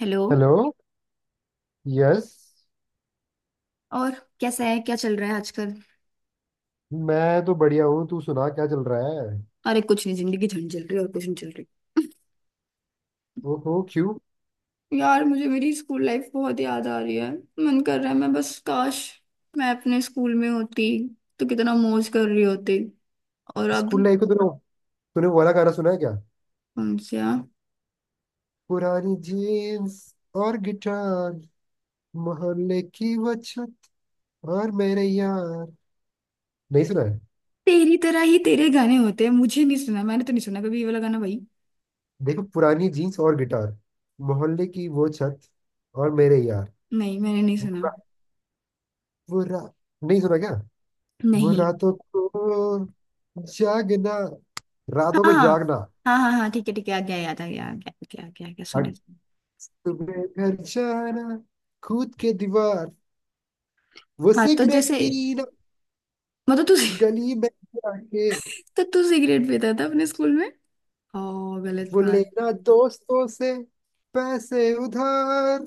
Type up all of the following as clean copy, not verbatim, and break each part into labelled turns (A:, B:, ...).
A: Hello.
B: Hello. Yes.
A: और कैसा है, क्या चल रहा है आजकल?
B: मैं तो बढ़िया हूँ, तू सुना क्या चल रहा है?
A: अरे कुछ नहीं, जिंदगी झंड चल रही है, और कुछ नहीं चल रही।
B: ओहो, क्यों?
A: यार, मुझे मेरी स्कूल लाइफ बहुत याद आ रही है। मन कर रहा है, मैं बस काश मैं अपने स्कूल में होती तो कितना मौज कर रही होती। और अब।
B: स्कूल लाइफ का तूने तूने वो वाला गाना सुना है क्या?
A: कौन सा?
B: पुरानी जीन्स और गिटार, मोहल्ले की बचत और मेरे यार, नहीं सुना है?
A: तेरी तरह ही तेरे गाने होते हैं, मुझे नहीं सुना, मैंने तो नहीं सुना कभी ये वाला गाना भाई।
B: देखो, पुरानी जीन्स और गिटार, मोहल्ले की वो छत और मेरे यार।
A: नहीं, मैंने नहीं
B: वो
A: सुना।
B: रा- वो रा- नहीं सुना क्या? वो
A: नहीं।
B: रातों को जागना, रातों
A: हाँ
B: को
A: हाँ।
B: जागना,
A: हाँ हाँ हाँ, ठीक है ठीक है, आ गया, याद आ गया, आ गया आ गया आ गया, आ गया सुने।
B: सुबह घर जाना, कूद के दीवार, वो
A: हाँ, तो
B: सिगरेट
A: जैसे
B: पीना
A: मतलब तू
B: गली में जाके,
A: तो तू सिगरेट पीता था अपने स्कूल में? ओ, गलत
B: वो
A: बात।
B: लेना दोस्तों से पैसे उधार।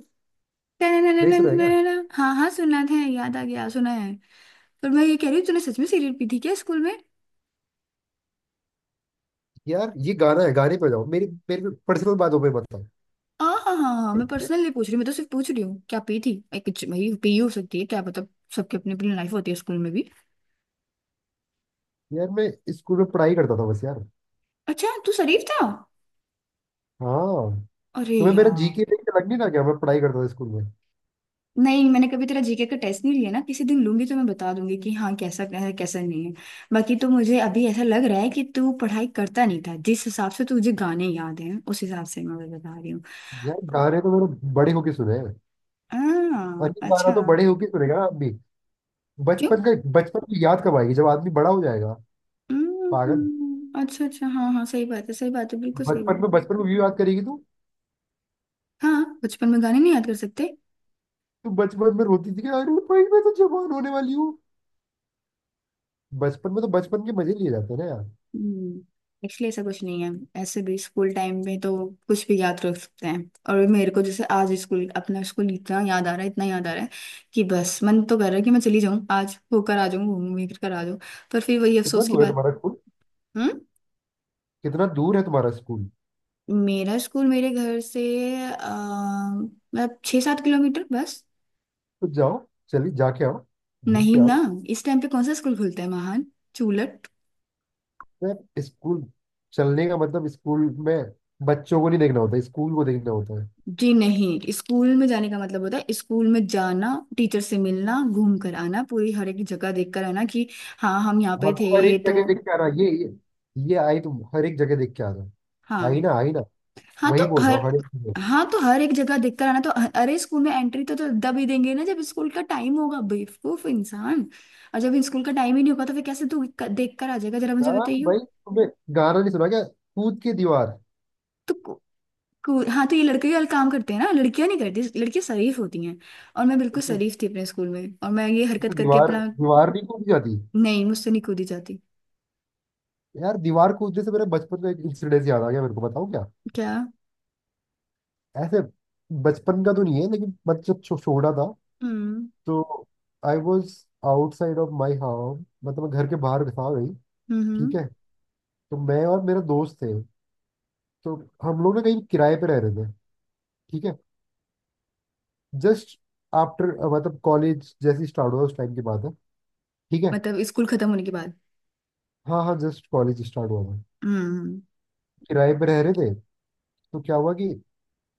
B: नहीं सुना है क्या?
A: टननननननननननन। हाँ हाँ, सुना है, याद आ गया, सुना है। पर मैं ये कह रही हूँ, तूने सच में सिगरेट पी थी क्या स्कूल में?
B: यार ये गाना है, गाने पे जाओ, मेरी मेरी पर्सनल बातों पे मत आओ।
A: हाँ हाँ हाँ हाँ, मैं पर्सनल नहीं पूछ रही, मैं तो सिर्फ पूछ रही हूँ क्या पी थी। एक कुछ भाई पी हो सकती है, क्या पता। सबकी अपनी अपनी लाइफ होती है स्कूल में भी।
B: यार मैं स्कूल में पढ़ाई करता था बस, यार।
A: अच्छा, तू शरीफ था।
B: हाँ।
A: अरे
B: तुम्हें मेरा
A: यार।
B: जीके देख के लग नहीं रहा क्या मैं पढ़ाई करता था स्कूल में?
A: नहीं, मैंने कभी तेरा जीके का टेस्ट नहीं लिया ना, किसी दिन लूंगी तो मैं बता दूंगी कि हाँ कैसा क्या है, कैसा नहीं है। बाकी तो मुझे अभी ऐसा लग रहा है कि तू पढ़ाई करता नहीं था, जिस हिसाब से तुझे गाने याद हैं उस हिसाब से मैं बता रही हूँ।
B: यार गाने तो मैंने बड़े होके सुने हैं। और
A: हाँ
B: ये गाना
A: अच्छा।
B: तो बड़े होके सुनेगा आप भी,
A: क्यों?
B: बचपन का। बचपन की याद कब आएगी जब आदमी बड़ा हो जाएगा? पागल।
A: हम्म, अच्छा अच्छा, हाँ हाँ, सही बात है, सही बात है, बिल्कुल सही बात
B: बचपन
A: है।
B: में बचपन में भी बात करेगी तू?
A: हाँ, बचपन में गाने नहीं याद कर सकते?
B: तू बचपन में रोती थी कि अरे भाई मैं तो जवान होने वाली हूँ? बचपन में तो बचपन के मजे लिए जाते हैं ना यार।
A: एक्चुअली ऐसा कुछ नहीं है। ऐसे भी स्कूल टाइम में तो कुछ भी याद रख सकते हैं। और मेरे को जैसे आज स्कूल, अपना स्कूल इतना याद आ रहा है, इतना याद आ रहा है कि बस मन तो कर रहा है कि मैं चली जाऊँ, आज होकर आ जाऊँ, घूम घूम कर आ जाऊँ। पर फिर वही
B: कितना
A: अफसोस की
B: दूर है
A: बात।
B: तुम्हारा स्कूल?
A: हम्म।
B: कितना दूर है तुम्हारा स्कूल?
A: मेरा स्कूल मेरे घर से, मतलब 6-7 किलोमीटर बस।
B: तो जाओ। चलिए जाके आओ, घूम
A: नहीं
B: के
A: ना,
B: आओ।
A: इस टाइम पे कौन सा स्कूल खुलता है महान। चूलट।
B: यार स्कूल चलने का मतलब स्कूल में बच्चों को नहीं देखना होता, स्कूल को देखना होता है।
A: जी नहीं, स्कूल में जाने का मतलब होता है स्कूल में जाना, टीचर से मिलना, घूम कर आना, पूरी हर एक जगह देख कर आना कि हाँ, हम यहाँ
B: हाँ,
A: पे
B: तो हर
A: थे
B: एक
A: तो।
B: जगह देख के आना। ये ये आई तुम, हर एक जगह देख के आना। आई
A: हाँ।
B: ना, आई ना?
A: हाँ
B: वही
A: तो
B: बोल रहा
A: हर
B: हूँ, हर एक जगह।
A: हाँ तो हर एक जगह देख कर आना तो अरे, स्कूल में एंट्री तो तब ही देंगे ना जब स्कूल का टाइम होगा, बेवकूफ इंसान। और जब स्कूल का टाइम ही नहीं होगा तो फिर कैसे तू देख कर आ जाएगा, जरा मुझे
B: यार
A: बताइयो।
B: भाई तुम्हें गाना नहीं सुना क्या? कूद के दीवार
A: तो कूल, हाँ, तो ये लड़के ही काम करते हैं ना, लड़कियां नहीं करती, लड़कियां शरीफ होती हैं। और मैं बिल्कुल शरीफ थी अपने स्कूल में, और मैं ये हरकत
B: तो
A: करके
B: दीवार
A: अपना।
B: दीवार नहीं कूदी जाती?
A: नहीं, मुझसे नहीं कूदी जाती।
B: यार दीवार कूदने से मेरे बचपन का एक इंसिडेंस याद आ गया, मेरे को बताओ। क्या
A: क्या?
B: ऐसे? बचपन का तो नहीं है, लेकिन मैं जब छोटा था,
A: हम्म
B: तो I was outside of my house, मतलब मैं घर के बाहर था वही।
A: हम्म
B: ठीक
A: हम्म।
B: है? तो मैं और मेरा दोस्त थे, तो हम लोग ना कहीं किराए पे रह रहे थे। ठीक है? जस्ट आफ्टर, मतलब कॉलेज जैसे स्टार्ट हुआ उस टाइम की बात है। ठीक है?
A: मतलब स्कूल खत्म होने के बाद।
B: हाँ हाँ, जस्ट कॉलेज स्टार्ट हुआ था।
A: हम्म।
B: किराए पे रह रहे थे, तो क्या हुआ कि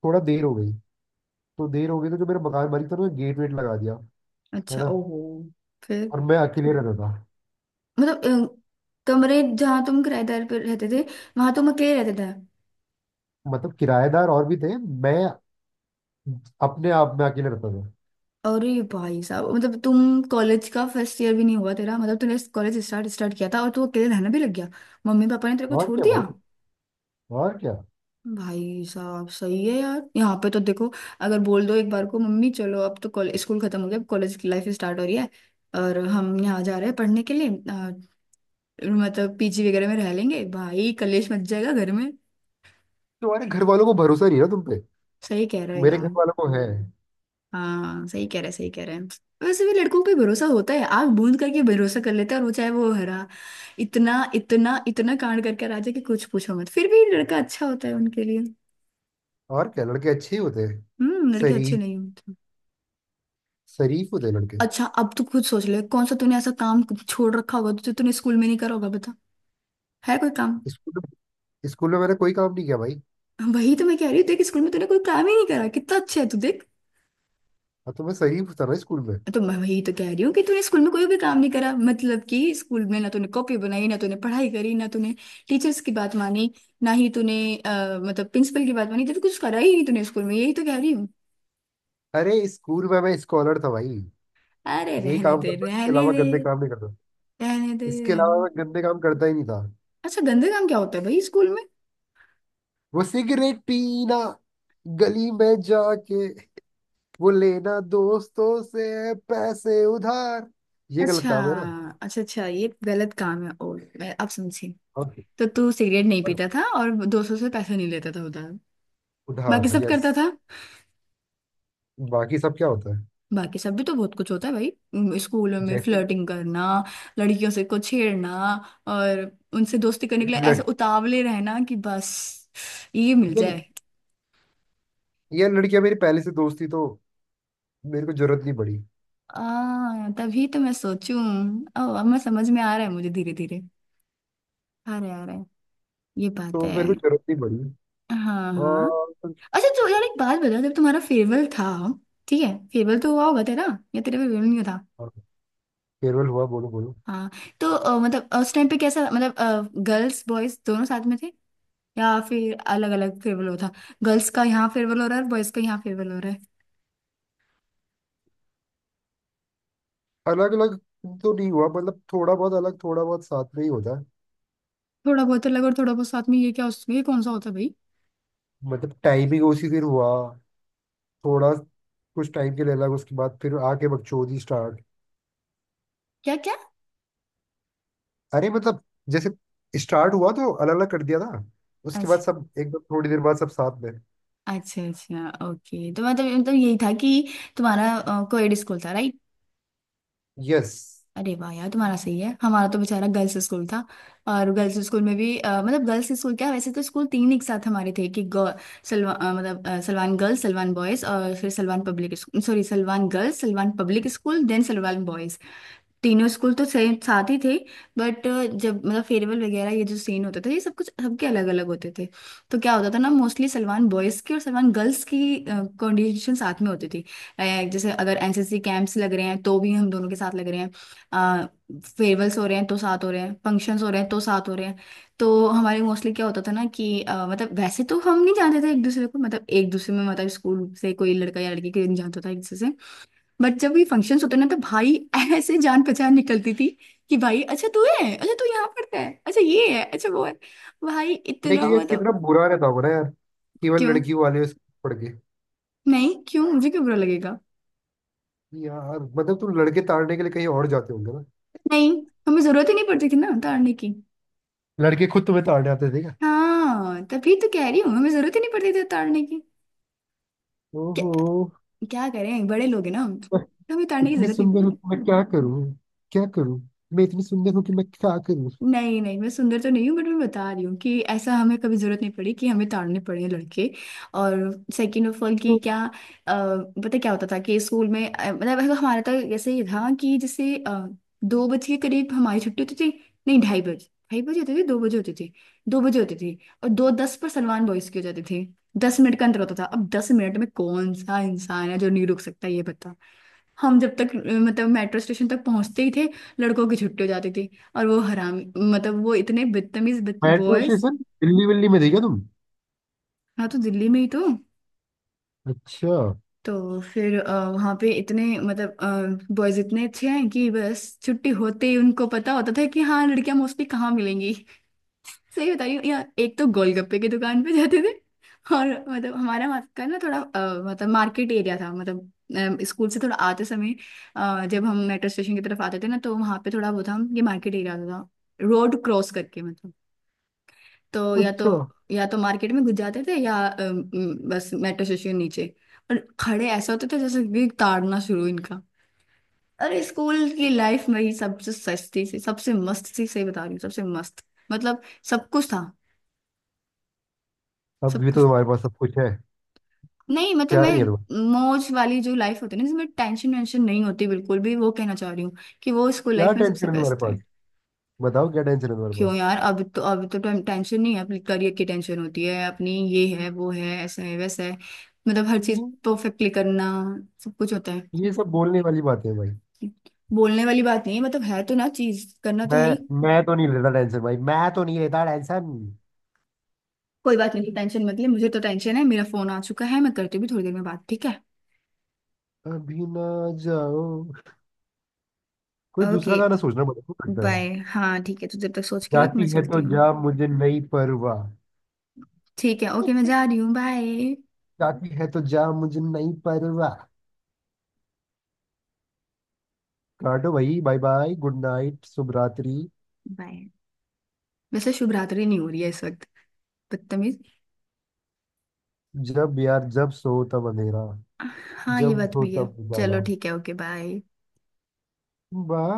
B: थोड़ा देर हो गई। तो देर हो गई, तो जो मेरा मकान मालिक था उन्होंने गेट वेट लगा दिया, है
A: अच्छा,
B: ना?
A: ओहो। फिर।
B: और मैं अकेले रहता था।
A: मतलब कमरे जहाँ तुम किराएदार पर रहते थे, वहां तुम अकेले रहते थे?
B: मतलब किराएदार और भी थे, मैं अपने आप में अकेले रहता था।
A: अरे भाई साहब, मतलब तुम कॉलेज का फर्स्ट ईयर भी नहीं हुआ तेरा, मतलब तूने कॉलेज स्टार्ट स्टार्ट किया था और तू अकेले रहना भी लग गया? मम्मी पापा ने तेरे को
B: और
A: छोड़
B: क्या
A: दिया?
B: भाई, और क्या।
A: भाई साहब, सही है यार, यहाँ पे तो देखो, अगर बोल दो एक बार को मम्मी चलो अब तो कॉलेज, स्कूल खत्म हो गया, अब कॉलेज की लाइफ स्टार्ट हो रही है और हम यहाँ जा रहे हैं पढ़ने के लिए, मतलब पीजी वगैरह में रह लेंगे, भाई कलेश मच जाएगा घर में।
B: तुम्हारे घर वालों को भरोसा नहीं है ना तुम पे,
A: सही कह रहे हो
B: मेरे घर
A: यार।
B: वालों को है।
A: हाँ, सही कह रहे हैं, सही कह रहे हैं। वैसे भी लड़कों पे भरोसा होता है, आग बूंद करके भरोसा कर लेते हैं, और वो चाहे वो हरा इतना इतना इतना कांड करके राजा कि कुछ पूछो मत, फिर भी लड़का अच्छा होता है उनके लिए।
B: और क्या, लड़के अच्छे ही होते हैं।
A: हम्म, लड़के अच्छे
B: शरीफ,
A: नहीं होते।
B: शरीफ होते हैं लड़के।
A: अच्छा, अब तू खुद सोच ले कौन सा तूने ऐसा काम छोड़ रखा होगा जो तूने स्कूल में नहीं करा होगा, बता। है कोई काम?
B: स्कूल में, स्कूल में मैंने कोई काम नहीं किया भाई।
A: वही तो मैं कह रही हूँ, देख स्कूल में तूने कोई काम ही नहीं करा, कितना अच्छा है तू, देख।
B: अब तो मैं शरीफ था ना स्कूल में।
A: तो मैं वही तो कह रही हूँ कि तूने स्कूल में कोई भी काम नहीं करा, मतलब कि स्कूल में ना तूने कॉपी बनाई, ना तूने पढ़ाई करी, ना तूने टीचर्स की बात मानी, ना ही तूने मतलब प्रिंसिपल की बात मानी, तो कुछ करा ही नहीं तूने स्कूल में, यही तो कह रही हूँ।
B: अरे स्कूल में मैं स्कॉलर था भाई।
A: अरे,
B: यही
A: रहने
B: काम
A: दे
B: करता, इसके
A: रहने
B: अलावा
A: दे।
B: गंदे काम नहीं करता।
A: रहने दे
B: इसके
A: रहने
B: अलावा
A: दे।
B: मैं गंदे काम करता ही नहीं था।
A: अच्छा गंदे काम क्या होता है भाई स्कूल में?
B: वो सिगरेट पीना गली में जाके, वो लेना दोस्तों से पैसे उधार, ये गलत
A: अच्छा।
B: काम है ना।
A: अच्छा अच्छा, ये गलत काम है, ओ मैं अब समझी।
B: और,
A: तो तू सिगरेट नहीं
B: और
A: पीता था और दोस्तों से पैसे नहीं लेता था उधार? बाकी
B: उधार,
A: सब
B: यस।
A: करता था।
B: बाकी सब क्या होता है?
A: बाकी सब भी तो बहुत कुछ होता है भाई। स्कूलों में
B: जैसे
A: फ्लर्टिंग करना, लड़कियों से को छेड़ना, और उनसे दोस्ती करने के लिए ऐसे
B: लड़,
A: उतावले रहना कि बस ये मिल
B: ये,
A: जाए।
B: ये लड़कियां मेरी पहले से दोस्त थी, तो मेरे को जरूरत नहीं पड़ी।
A: आ, तभी तो मैं सोचूं। ओ, अब मैं समझ में आ रहा है, मुझे धीरे धीरे आ रहा है, आ रहा है। ये बात
B: तो
A: है।
B: मेरे को जरूरत नहीं पड़ी।
A: हाँ हाँ।
B: और।
A: अच्छा तो यार, एक बात बता, जब तुम्हारा फेयरवेल था, ठीक है, फेयरवेल तो हुआ होगा तेरा, या तेरा फेयरवेल नहीं हुआ था?
B: और फेयरवेल हुआ, बोलो बोलो।
A: हाँ, तो मतलब उस टाइम पे कैसा, मतलब गर्ल्स बॉयज दोनों साथ में थे, या फिर अलग अलग फेयरवेल हो था, गर्ल्स का यहाँ फेयरवेल हो रहा है और बॉयज का यहाँ फेयरवेल हो रहा है?
B: अलग अलग तो नहीं हुआ, मतलब थोड़ा बहुत अलग थोड़ा बहुत साथ में ही होता है।
A: थोड़ा बहुत अलग और थोड़ा बहुत साथ में, ये क्या, उसमें ये कौन सा होता है भाई?
B: मतलब टाइमिंग उसी दिन हुआ, थोड़ा कुछ टाइम के लिए अलग, उसके बाद फिर आके बकचोदी स्टार्ट।
A: क्या क्या?
B: अरे मतलब जैसे स्टार्ट हुआ तो अलग अलग कर दिया था, उसके बाद
A: अच्छा
B: सब एकदम थोड़ी देर बाद सब साथ में।
A: अच्छा अच्छा, ओके, तो मतलब यही था कि तुम्हारा कोएड स्कूल था, राइट?
B: यस।
A: अरे वाह यार, तुम्हारा सही है, हमारा तो बेचारा गर्ल्स स्कूल था। और गर्ल्स स्कूल में भी मतलब गर्ल्स स्कूल क्या, वैसे तो स्कूल तीन एक साथ हमारे थे, कि गर्ल सलवा मतलब सलवान गर्ल्स, सलवान बॉयज और फिर Salwan public, sorry Salwan girls, Salwan public school, then Salwan boys. तीनों स्कूल तो सेम साथ ही थे। बट जब मतलब फेयरवेल वगैरह, ये जो सीन होते थे, ये सब कुछ सबके अलग अलग होते थे। तो क्या होता था ना, मोस्टली सलमान बॉयज़ की और सलमान गर्ल्स की कंडीशन साथ में होती थी। अ, जैसे अगर एनसीसी कैंप्स लग रहे हैं तो भी हम दोनों के साथ लग रहे हैं, फेयरवेल्स हो रहे हैं तो साथ हो रहे हैं, फंक्शंस हो रहे हैं तो साथ हो रहे हैं। तो हमारे मोस्टली क्या होता था ना कि मतलब वैसे तो हम नहीं जानते थे एक दूसरे को, मतलब एक दूसरे में, मतलब स्कूल से कोई लड़का या लड़की कोई नहीं जानता था एक दूसरे से। बट जब भी फंक्शंस होते ना, तो भाई ऐसे जान पहचान निकलती थी कि भाई अच्छा तू है, अच्छा तू यहाँ पढ़ता है, अच्छा ये है, अच्छा वो है, भाई इतना,
B: लेकिन ये कितना
A: मतलब।
B: बुरा रहता होगा ना यार, केवल
A: क्यों?
B: लड़की वाले उस पड़ के।
A: नहीं क्यों, मुझे क्यों बुरा लगेगा?
B: यार मतलब तुम लड़के ताड़ने के लिए कहीं और जाते होंगे ना?
A: नहीं, हमें जरूरत ही नहीं पड़ती थी ना उतारने की।
B: लड़के खुद तुम्हें ताड़ने आते थे क्या?
A: हाँ, तभी तो कह रही हूँ, हमें जरूरत ही नहीं पड़ती थी उतारने की। क्या,
B: ओहो।
A: क्या करें, बड़े लोग हैं ना हम
B: मैं
A: तो, हमें उतारने की
B: इतनी
A: जरूरत
B: सुंदर
A: नहीं।
B: हूँ कि मैं क्या करूँ? क्या करूँ? मैं इतनी सुंदर हूँ कि मैं क्या करूँ?
A: नहीं नहीं, मैं सुंदर तो नहीं हूँ, बट मैं बता रही हूँ कि ऐसा हमें कभी जरूरत नहीं पड़ी कि हमें ताड़ने पड़े लड़के। और सेकंड ऑफ ऑल कि क्या, पता क्या होता था कि स्कूल में, मतलब अगर हमारा तो ऐसे ही था कि जैसे 2 बजे के करीब हमारी छुट्टी होती थी। नहीं, 2:30 बजे, 2:30 बजे होती थी, 2 बजे होती थी, दो बजे होती थी। और 2:10 पर सलमान बॉयज की हो जाती थी। दस मिनट का अंतर होता था, अब 10 मिनट में कौन सा इंसान है जो नहीं रुक सकता ये। हम जब तक मतलब मेट्रो स्टेशन तक पहुंचते ही थे, लड़कों की छुट्टी हो जाती थी। और वो हरामी, मतलब वो इतने बदतमीज
B: मेट्रो
A: बॉयज।
B: स्टेशन दिल्ली विल्ली में थी क्या तुम?
A: हाँ, तो दिल्ली में ही तो।
B: अच्छा।
A: तो फिर वहाँ पे इतने, मतलब बॉयज इतने अच्छे हैं कि बस छुट्टी होते ही उनको पता होता था कि हाँ लड़कियां मोस्टली कहाँ मिलेंगी। सही बता रही हूँ, या एक तो गोलगप्पे की दुकान पे जाते थे। और मतलब हमारा वहाँ का ना थोड़ा मतलब मार्केट एरिया था, मतलब स्कूल से थोड़ा आते समय, जब हम मेट्रो स्टेशन की तरफ आते थे ना, तो वहाँ पे थोड़ा वो था, ये मार्केट एरिया था, रोड क्रॉस करके मतलब। तो
B: अच्छा,
A: या तो मार्केट में घुस जाते थे, या बस मेट्रो स्टेशन नीचे। और खड़े ऐसे होते थे जैसे कि ताड़ना शुरू इनका। अरे स्कूल की लाइफ मेरी सबसे सस्ती सी, सबसे मस्त सी, सही बता रही हूँ, सबसे मस्त, मतलब सब कुछ था।
B: अब
A: सब
B: भी तो
A: कुछ,
B: तुम्हारे पास सब कुछ है।
A: नहीं मतलब
B: क्या
A: मैं,
B: नहीं है तुम्हारे?
A: मौज वाली जो लाइफ होती है ना, जिसमें टेंशन वेंशन नहीं होती बिल्कुल भी, वो कहना चाह रही हूँ कि वो स्कूल
B: क्या
A: लाइफ में सबसे
B: टेंशन है तुम्हारे
A: बेस्ट है।
B: पास? बताओ क्या टेंशन है तुम्हारे
A: क्यों
B: पास?
A: यार, अब तो, अब तो टेंशन नहीं है? अपनी करियर की टेंशन होती है, अपनी ये है, वो है, ऐसा है, वैसा है, मतलब हर चीज
B: हम्म।
A: परफेक्टली करना, सब कुछ होता है।
B: ये सब बोलने वाली बातें हैं भाई।
A: बोलने वाली बात नहीं है, मतलब है तो ना, चीज करना तो है ही।
B: मैं तो नहीं लेता टेंशन भाई, मैं तो नहीं लेता टेंशन।
A: कोई बात नहीं, टेंशन मत ले, मुझे तो टेंशन है, मेरा फोन आ चुका है, मैं करती हूँ भी थोड़ी देर में बात, ठीक है?
B: अभी ना, जाओ। कोई
A: ओके
B: दूसरा गाना सोचना पड़ेगा लगता
A: बाय।
B: है।
A: हाँ ठीक है, तू जब तक सोच के रख, मैं
B: जाती है तो
A: चलती हूँ।
B: जा, मुझे नहीं परवाह।
A: ठीक है, ओके, मैं जा रही हूँ, बाय।
B: जाती है तो जा, मुझे नहीं परवाह। काटो भाई, बाय बाय, गुड नाइट, शुभ रात्रि।
A: बाय। वैसे शुभ रात्रि नहीं हो रही है इस वक्त, बदतमीज।
B: जब यार, जब सो तब अंधेरा,
A: हाँ, ये
B: जब
A: बात
B: उठो
A: भी है।
B: तब उजाला।
A: चलो ठीक है, ओके बाय।
B: बाय।